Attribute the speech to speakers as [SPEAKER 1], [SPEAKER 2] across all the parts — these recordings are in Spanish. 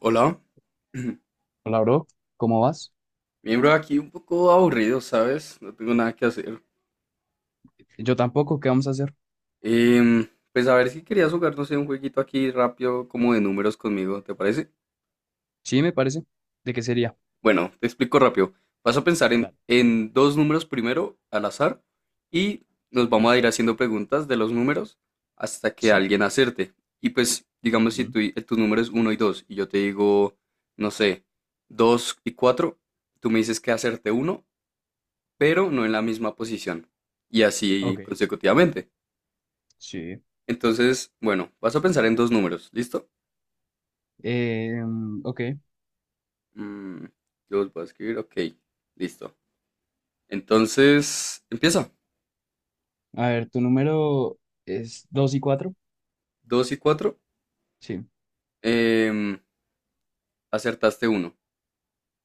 [SPEAKER 1] Hola,
[SPEAKER 2] Hola, bro. ¿Cómo vas?
[SPEAKER 1] miembro aquí un poco aburrido, ¿sabes? No tengo nada que hacer.
[SPEAKER 2] Yo tampoco. ¿Qué vamos a hacer?
[SPEAKER 1] Em, pues a ver si querías jugar, no sé, un jueguito aquí rápido, como de números conmigo, ¿te parece?
[SPEAKER 2] Sí, me parece. ¿De qué sería?
[SPEAKER 1] Bueno, te explico rápido. Vas a pensar en,
[SPEAKER 2] Dale.
[SPEAKER 1] en dos números primero, al azar, y nos vamos
[SPEAKER 2] Sí.
[SPEAKER 1] a ir haciendo preguntas de los números hasta que
[SPEAKER 2] Sí.
[SPEAKER 1] alguien acerte. Y pues, digamos, si
[SPEAKER 2] Ujú.
[SPEAKER 1] tu número es 1 y 2 y yo te digo, no sé, 2 y 4, tú me dices que acerte uno, pero no en la misma posición. Y así
[SPEAKER 2] Ok.
[SPEAKER 1] consecutivamente.
[SPEAKER 2] Sí.
[SPEAKER 1] Entonces, bueno, vas a pensar en dos números, ¿listo?
[SPEAKER 2] Eh, ok.
[SPEAKER 1] Mm, los voy a escribir, ok, listo. Entonces, empieza.
[SPEAKER 2] A ver, ¿tu número es 2 y cuatro?
[SPEAKER 1] Dos y 4,
[SPEAKER 2] Sí.
[SPEAKER 1] acertaste uno.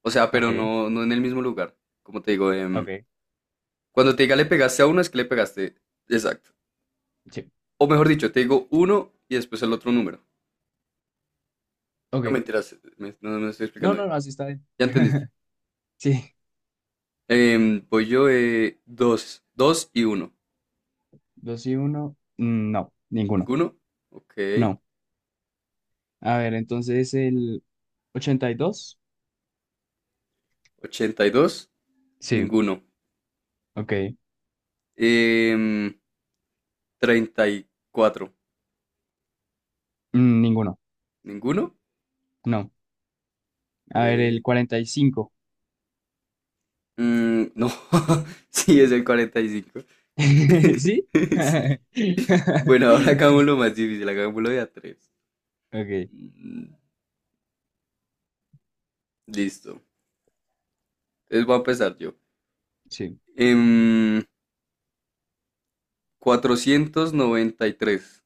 [SPEAKER 1] O sea, pero
[SPEAKER 2] Ok.
[SPEAKER 1] no, no en el mismo lugar. Como te digo,
[SPEAKER 2] Ok.
[SPEAKER 1] cuando te diga le pegaste a uno, es que le pegaste. Exacto.
[SPEAKER 2] Sí.
[SPEAKER 1] O mejor dicho, te digo uno y después el otro número. No
[SPEAKER 2] Ok.
[SPEAKER 1] mentiras, me, no no me estoy
[SPEAKER 2] No,
[SPEAKER 1] explicando
[SPEAKER 2] no,
[SPEAKER 1] bien.
[SPEAKER 2] no, así está bien.
[SPEAKER 1] Ya entendiste.
[SPEAKER 2] Sí.
[SPEAKER 1] Voy yo, 2 2 y uno.
[SPEAKER 2] 2 y uno. No, ninguno.
[SPEAKER 1] ¿Ninguno? Ok.
[SPEAKER 2] No. A ver, entonces el 82.
[SPEAKER 1] 82.
[SPEAKER 2] Sí.
[SPEAKER 1] Ninguno.
[SPEAKER 2] Ok.
[SPEAKER 1] Em, 34.
[SPEAKER 2] Ninguno.
[SPEAKER 1] ¿Ninguno?
[SPEAKER 2] No. A ver, el
[SPEAKER 1] Ve-
[SPEAKER 2] 45.
[SPEAKER 1] no, sí, es el 45.
[SPEAKER 2] ¿Sí?
[SPEAKER 1] Sí. Bueno, ahora hagámoslo más difícil, hagámoslo de a 3.
[SPEAKER 2] Ok,
[SPEAKER 1] Listo. Entonces voy a empezar yo.
[SPEAKER 2] sí.
[SPEAKER 1] Em, 493.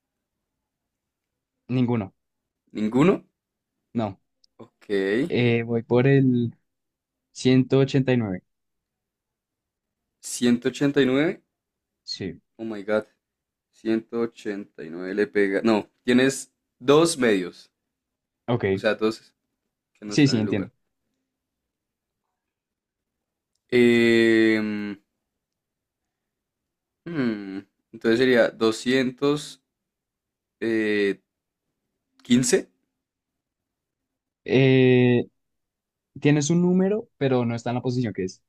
[SPEAKER 2] Ninguno.
[SPEAKER 1] ¿Ninguno?
[SPEAKER 2] No.
[SPEAKER 1] Ok.
[SPEAKER 2] Voy por el 189.
[SPEAKER 1] 189.
[SPEAKER 2] Sí.
[SPEAKER 1] Oh my God. 189 le pega. No, tienes dos medios.
[SPEAKER 2] Ok.
[SPEAKER 1] O sea, dos que no
[SPEAKER 2] Sí,
[SPEAKER 1] están en
[SPEAKER 2] sí,
[SPEAKER 1] el
[SPEAKER 2] entiendo.
[SPEAKER 1] lugar. Em, hmm, entonces sería doscientos eh, quince.
[SPEAKER 2] Eh, tienes un número, pero no está en la posición que es.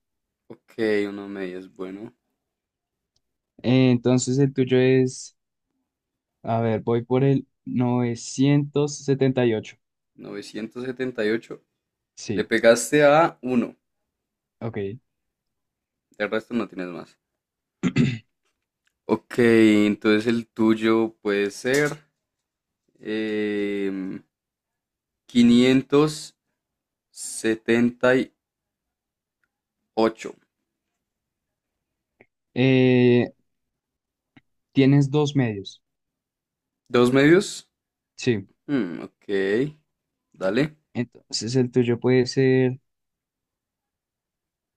[SPEAKER 1] Ok, uno medio es bueno.
[SPEAKER 2] Entonces el tuyo es. A ver, voy por el 978.
[SPEAKER 1] 978. Le
[SPEAKER 2] Sí.
[SPEAKER 1] pegaste a uno.
[SPEAKER 2] Ok.
[SPEAKER 1] El resto no tienes más. Ok, entonces el tuyo puede ser eh, 578.
[SPEAKER 2] Eh, tienes dos medios.
[SPEAKER 1] ¿Dos medios?
[SPEAKER 2] Sí.
[SPEAKER 1] Hmm, ok, dale.
[SPEAKER 2] Entonces el tuyo puede ser.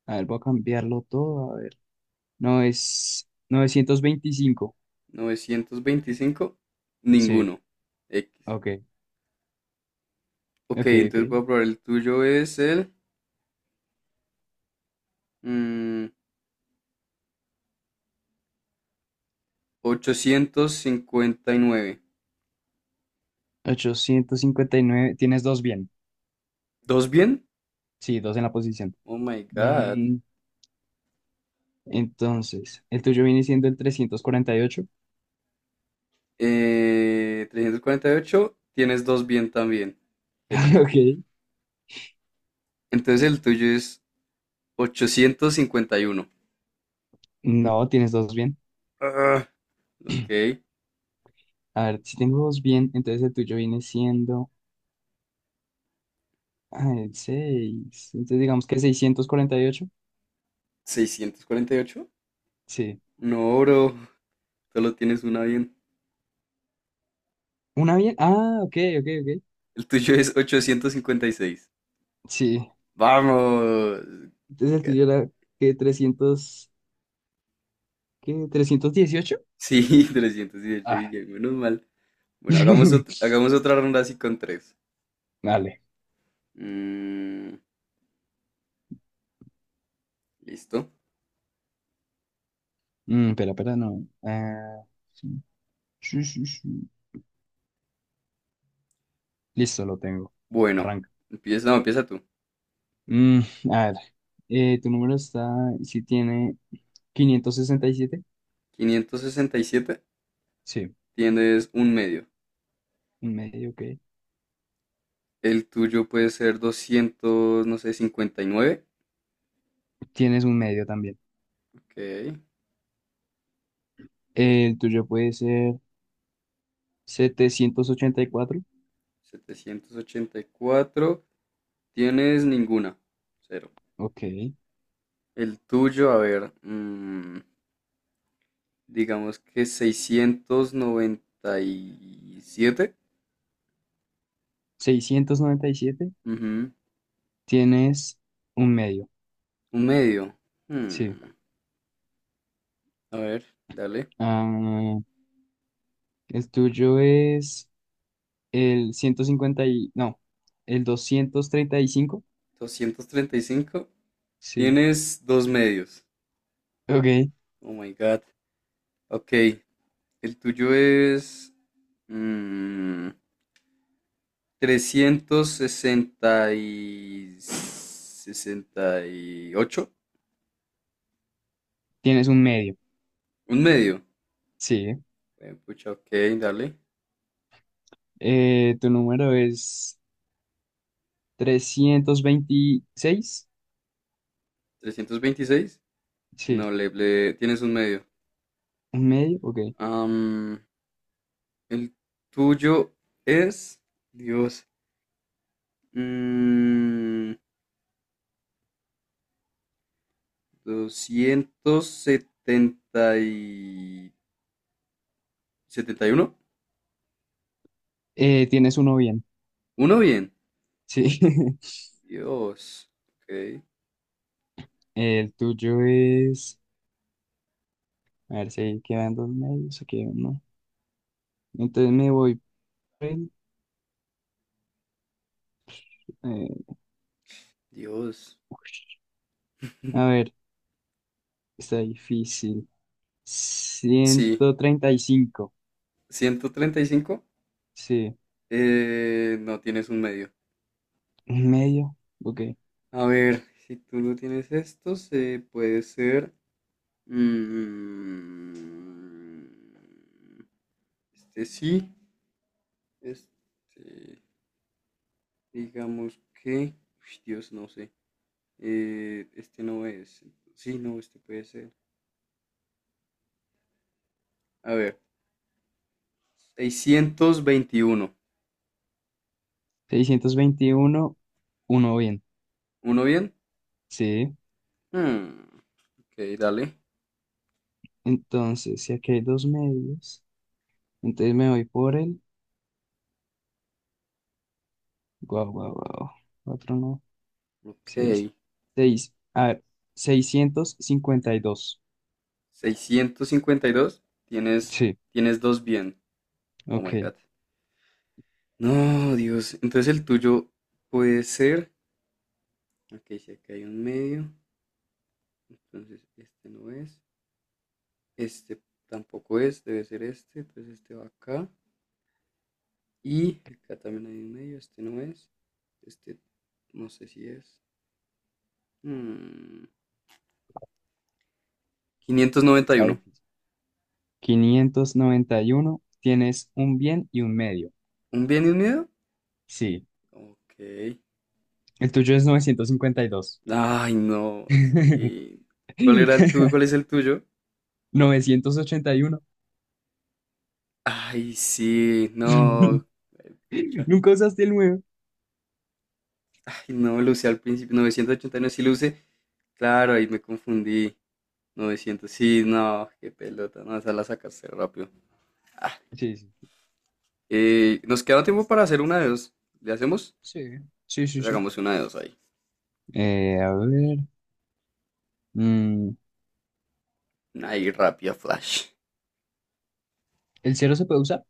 [SPEAKER 2] A ver, voy a cambiarlo todo. No, es 925.
[SPEAKER 1] 925,
[SPEAKER 2] Sí.
[SPEAKER 1] ninguno. X.
[SPEAKER 2] Ok,
[SPEAKER 1] Ok,
[SPEAKER 2] ok, ok.
[SPEAKER 1] entonces voy a probar, el tuyo es el mm, 859.
[SPEAKER 2] 859. Tienes dos bien.
[SPEAKER 1] ¿Dos bien?
[SPEAKER 2] Sí, dos en la posición.
[SPEAKER 1] Oh my God.
[SPEAKER 2] Mm, entonces, el tuyo viene siendo el 348.
[SPEAKER 1] 348 tienes dos bien también. Jeje.
[SPEAKER 2] Ok.
[SPEAKER 1] Entonces el tuyo es 851.
[SPEAKER 2] No, tienes dos bien.
[SPEAKER 1] Ah, ok.
[SPEAKER 2] A ver, si tengo dos bien, entonces el tuyo viene siendo el seis. Entonces digamos que 648.
[SPEAKER 1] ¿648?
[SPEAKER 2] Sí.
[SPEAKER 1] No, bro. Solo tienes una bien.
[SPEAKER 2] Una bien. Ah, ok, ok, ok.
[SPEAKER 1] El tuyo es 856.
[SPEAKER 2] Sí.
[SPEAKER 1] Vamos.
[SPEAKER 2] Entonces el tuyo
[SPEAKER 1] Gané.
[SPEAKER 2] era que trescientos, ¿qué? 318.
[SPEAKER 1] Sí, 318
[SPEAKER 2] Ah.
[SPEAKER 1] Guillén, menos mal. Bueno, hagamos otra ronda así con tres.
[SPEAKER 2] Dale.
[SPEAKER 1] Mm, listo.
[SPEAKER 2] Pero no. Ah, sí, sí, sí, sí. Listo, lo tengo.
[SPEAKER 1] Bueno,
[SPEAKER 2] Arranca.
[SPEAKER 1] empieza, no, empieza tú.
[SPEAKER 2] Mm, a ver. Tu número está, si tiene 567.
[SPEAKER 1] 567,
[SPEAKER 2] Sí,
[SPEAKER 1] tienes un medio.
[SPEAKER 2] un medio, ok.
[SPEAKER 1] El tuyo puede ser doscientos, no sé, 59.
[SPEAKER 2] Tienes un medio también.
[SPEAKER 1] Ok.
[SPEAKER 2] El tuyo puede ser 784.
[SPEAKER 1] 784, tienes ninguna. Cero.
[SPEAKER 2] Ok.
[SPEAKER 1] El tuyo, a ver, digamos que 697.
[SPEAKER 2] 697.
[SPEAKER 1] Ujú.
[SPEAKER 2] Tienes un medio.
[SPEAKER 1] Un medio.
[SPEAKER 2] Sí.
[SPEAKER 1] Hmm, A ver, dale.
[SPEAKER 2] Ah, el tuyo es el 150 y, no, el 235.
[SPEAKER 1] 235.
[SPEAKER 2] Sí.
[SPEAKER 1] Tienes dos medios.
[SPEAKER 2] Ok.
[SPEAKER 1] Oh my God. Ok. El tuyo es. mm, Trescientos sesenta y ocho.
[SPEAKER 2] Tienes un medio,
[SPEAKER 1] Un medio.
[SPEAKER 2] sí.
[SPEAKER 1] Pucha, ok, dale.
[SPEAKER 2] Tu número es 326.
[SPEAKER 1] 326.
[SPEAKER 2] Sí.
[SPEAKER 1] No, tienes un medio.
[SPEAKER 2] Un medio, ok.
[SPEAKER 1] Am, el tuyo es. Dios. mm, Doscientos setenta y uno.
[SPEAKER 2] Tienes uno bien,
[SPEAKER 1] Uno bien.
[SPEAKER 2] sí.
[SPEAKER 1] Dios. Ok.
[SPEAKER 2] El tuyo es, a ver si quedan dos medios, aquí hay uno. Entonces me voy por el, eh,
[SPEAKER 1] Dios.
[SPEAKER 2] a ver, está difícil.
[SPEAKER 1] Sí.
[SPEAKER 2] 135.
[SPEAKER 1] 135.
[SPEAKER 2] Sí.
[SPEAKER 1] No tienes un medio.
[SPEAKER 2] Un medio, ok.
[SPEAKER 1] A ver, si tú no tienes esto, se puede ser. mm, este sí. Este. Digamos que. Uy, Dios, no sé. Este no es. Sí, no, este puede ser. A ver. 621.
[SPEAKER 2] 621. Uno bien,
[SPEAKER 1] ¿Uno bien?
[SPEAKER 2] sí.
[SPEAKER 1] Hmm, ok, dale.
[SPEAKER 2] Entonces, si aquí hay dos medios. Entonces me voy por el. Guau, guau, guau. Cuatro, no.
[SPEAKER 1] Ok.
[SPEAKER 2] Seis. Seis. A ver, 652.
[SPEAKER 1] 652. Tienes,
[SPEAKER 2] Sí,
[SPEAKER 1] tienes dos bien. Oh my
[SPEAKER 2] ok.
[SPEAKER 1] God. No, Dios. Entonces el tuyo puede ser. Ok, si acá hay un medio. Entonces este no es. Este tampoco es. Debe ser este. Entonces este va acá. Y acá también hay un medio. Este no es. Este no sé si es. Hmm, quinientos noventa y
[SPEAKER 2] Está
[SPEAKER 1] uno
[SPEAKER 2] difícil. 591. Tienes un bien y un medio.
[SPEAKER 1] ¿Un bien y un medio?
[SPEAKER 2] Sí.
[SPEAKER 1] Ok.
[SPEAKER 2] El tuyo es novecientos cincuenta y dos.
[SPEAKER 1] Ay, no, sí. ¿Cuál era el tuyo? ¿Cuál es el tuyo?
[SPEAKER 2] 981.
[SPEAKER 1] Ay, sí, no. Ay, pucha.
[SPEAKER 2] Nunca usaste el nuevo.
[SPEAKER 1] Ay, no, lo usé al principio. 989 sí lo usé. Claro, ahí me confundí. 900 sí, no, qué pelota. No, esa la sacaste rápido. Ah,
[SPEAKER 2] Sí, sí.
[SPEAKER 1] nos queda tiempo para hacer una de dos. ¿Le hacemos?
[SPEAKER 2] Sí, sí, sí, sí.
[SPEAKER 1] Sacamos una de dos ahí.
[SPEAKER 2] A ver. mm,
[SPEAKER 1] Ahí, rápida flash.
[SPEAKER 2] ¿El cero se puede usar?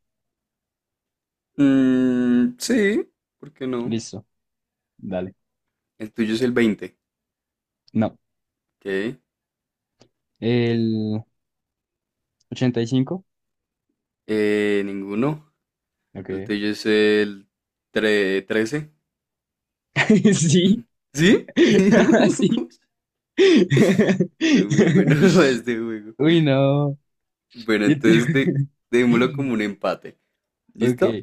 [SPEAKER 1] Mm, sí, ¿por qué no?
[SPEAKER 2] Listo. Dale.
[SPEAKER 1] El tuyo es el 20,
[SPEAKER 2] No.
[SPEAKER 1] ¿ok?
[SPEAKER 2] El 85.
[SPEAKER 1] Ninguno. El
[SPEAKER 2] Ok.
[SPEAKER 1] tuyo es el 13.
[SPEAKER 2] Sí.
[SPEAKER 1] ¿Sí?
[SPEAKER 2] Sí.
[SPEAKER 1] Este es muy bueno este juego.
[SPEAKER 2] Uy, no.
[SPEAKER 1] Bueno, entonces démoslo como un empate.
[SPEAKER 2] Ok.
[SPEAKER 1] ¿Listo?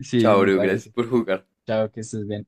[SPEAKER 2] Sí,
[SPEAKER 1] Chao,
[SPEAKER 2] me
[SPEAKER 1] bro. Gracias
[SPEAKER 2] parece.
[SPEAKER 1] por jugar.
[SPEAKER 2] Chao, que estés bien.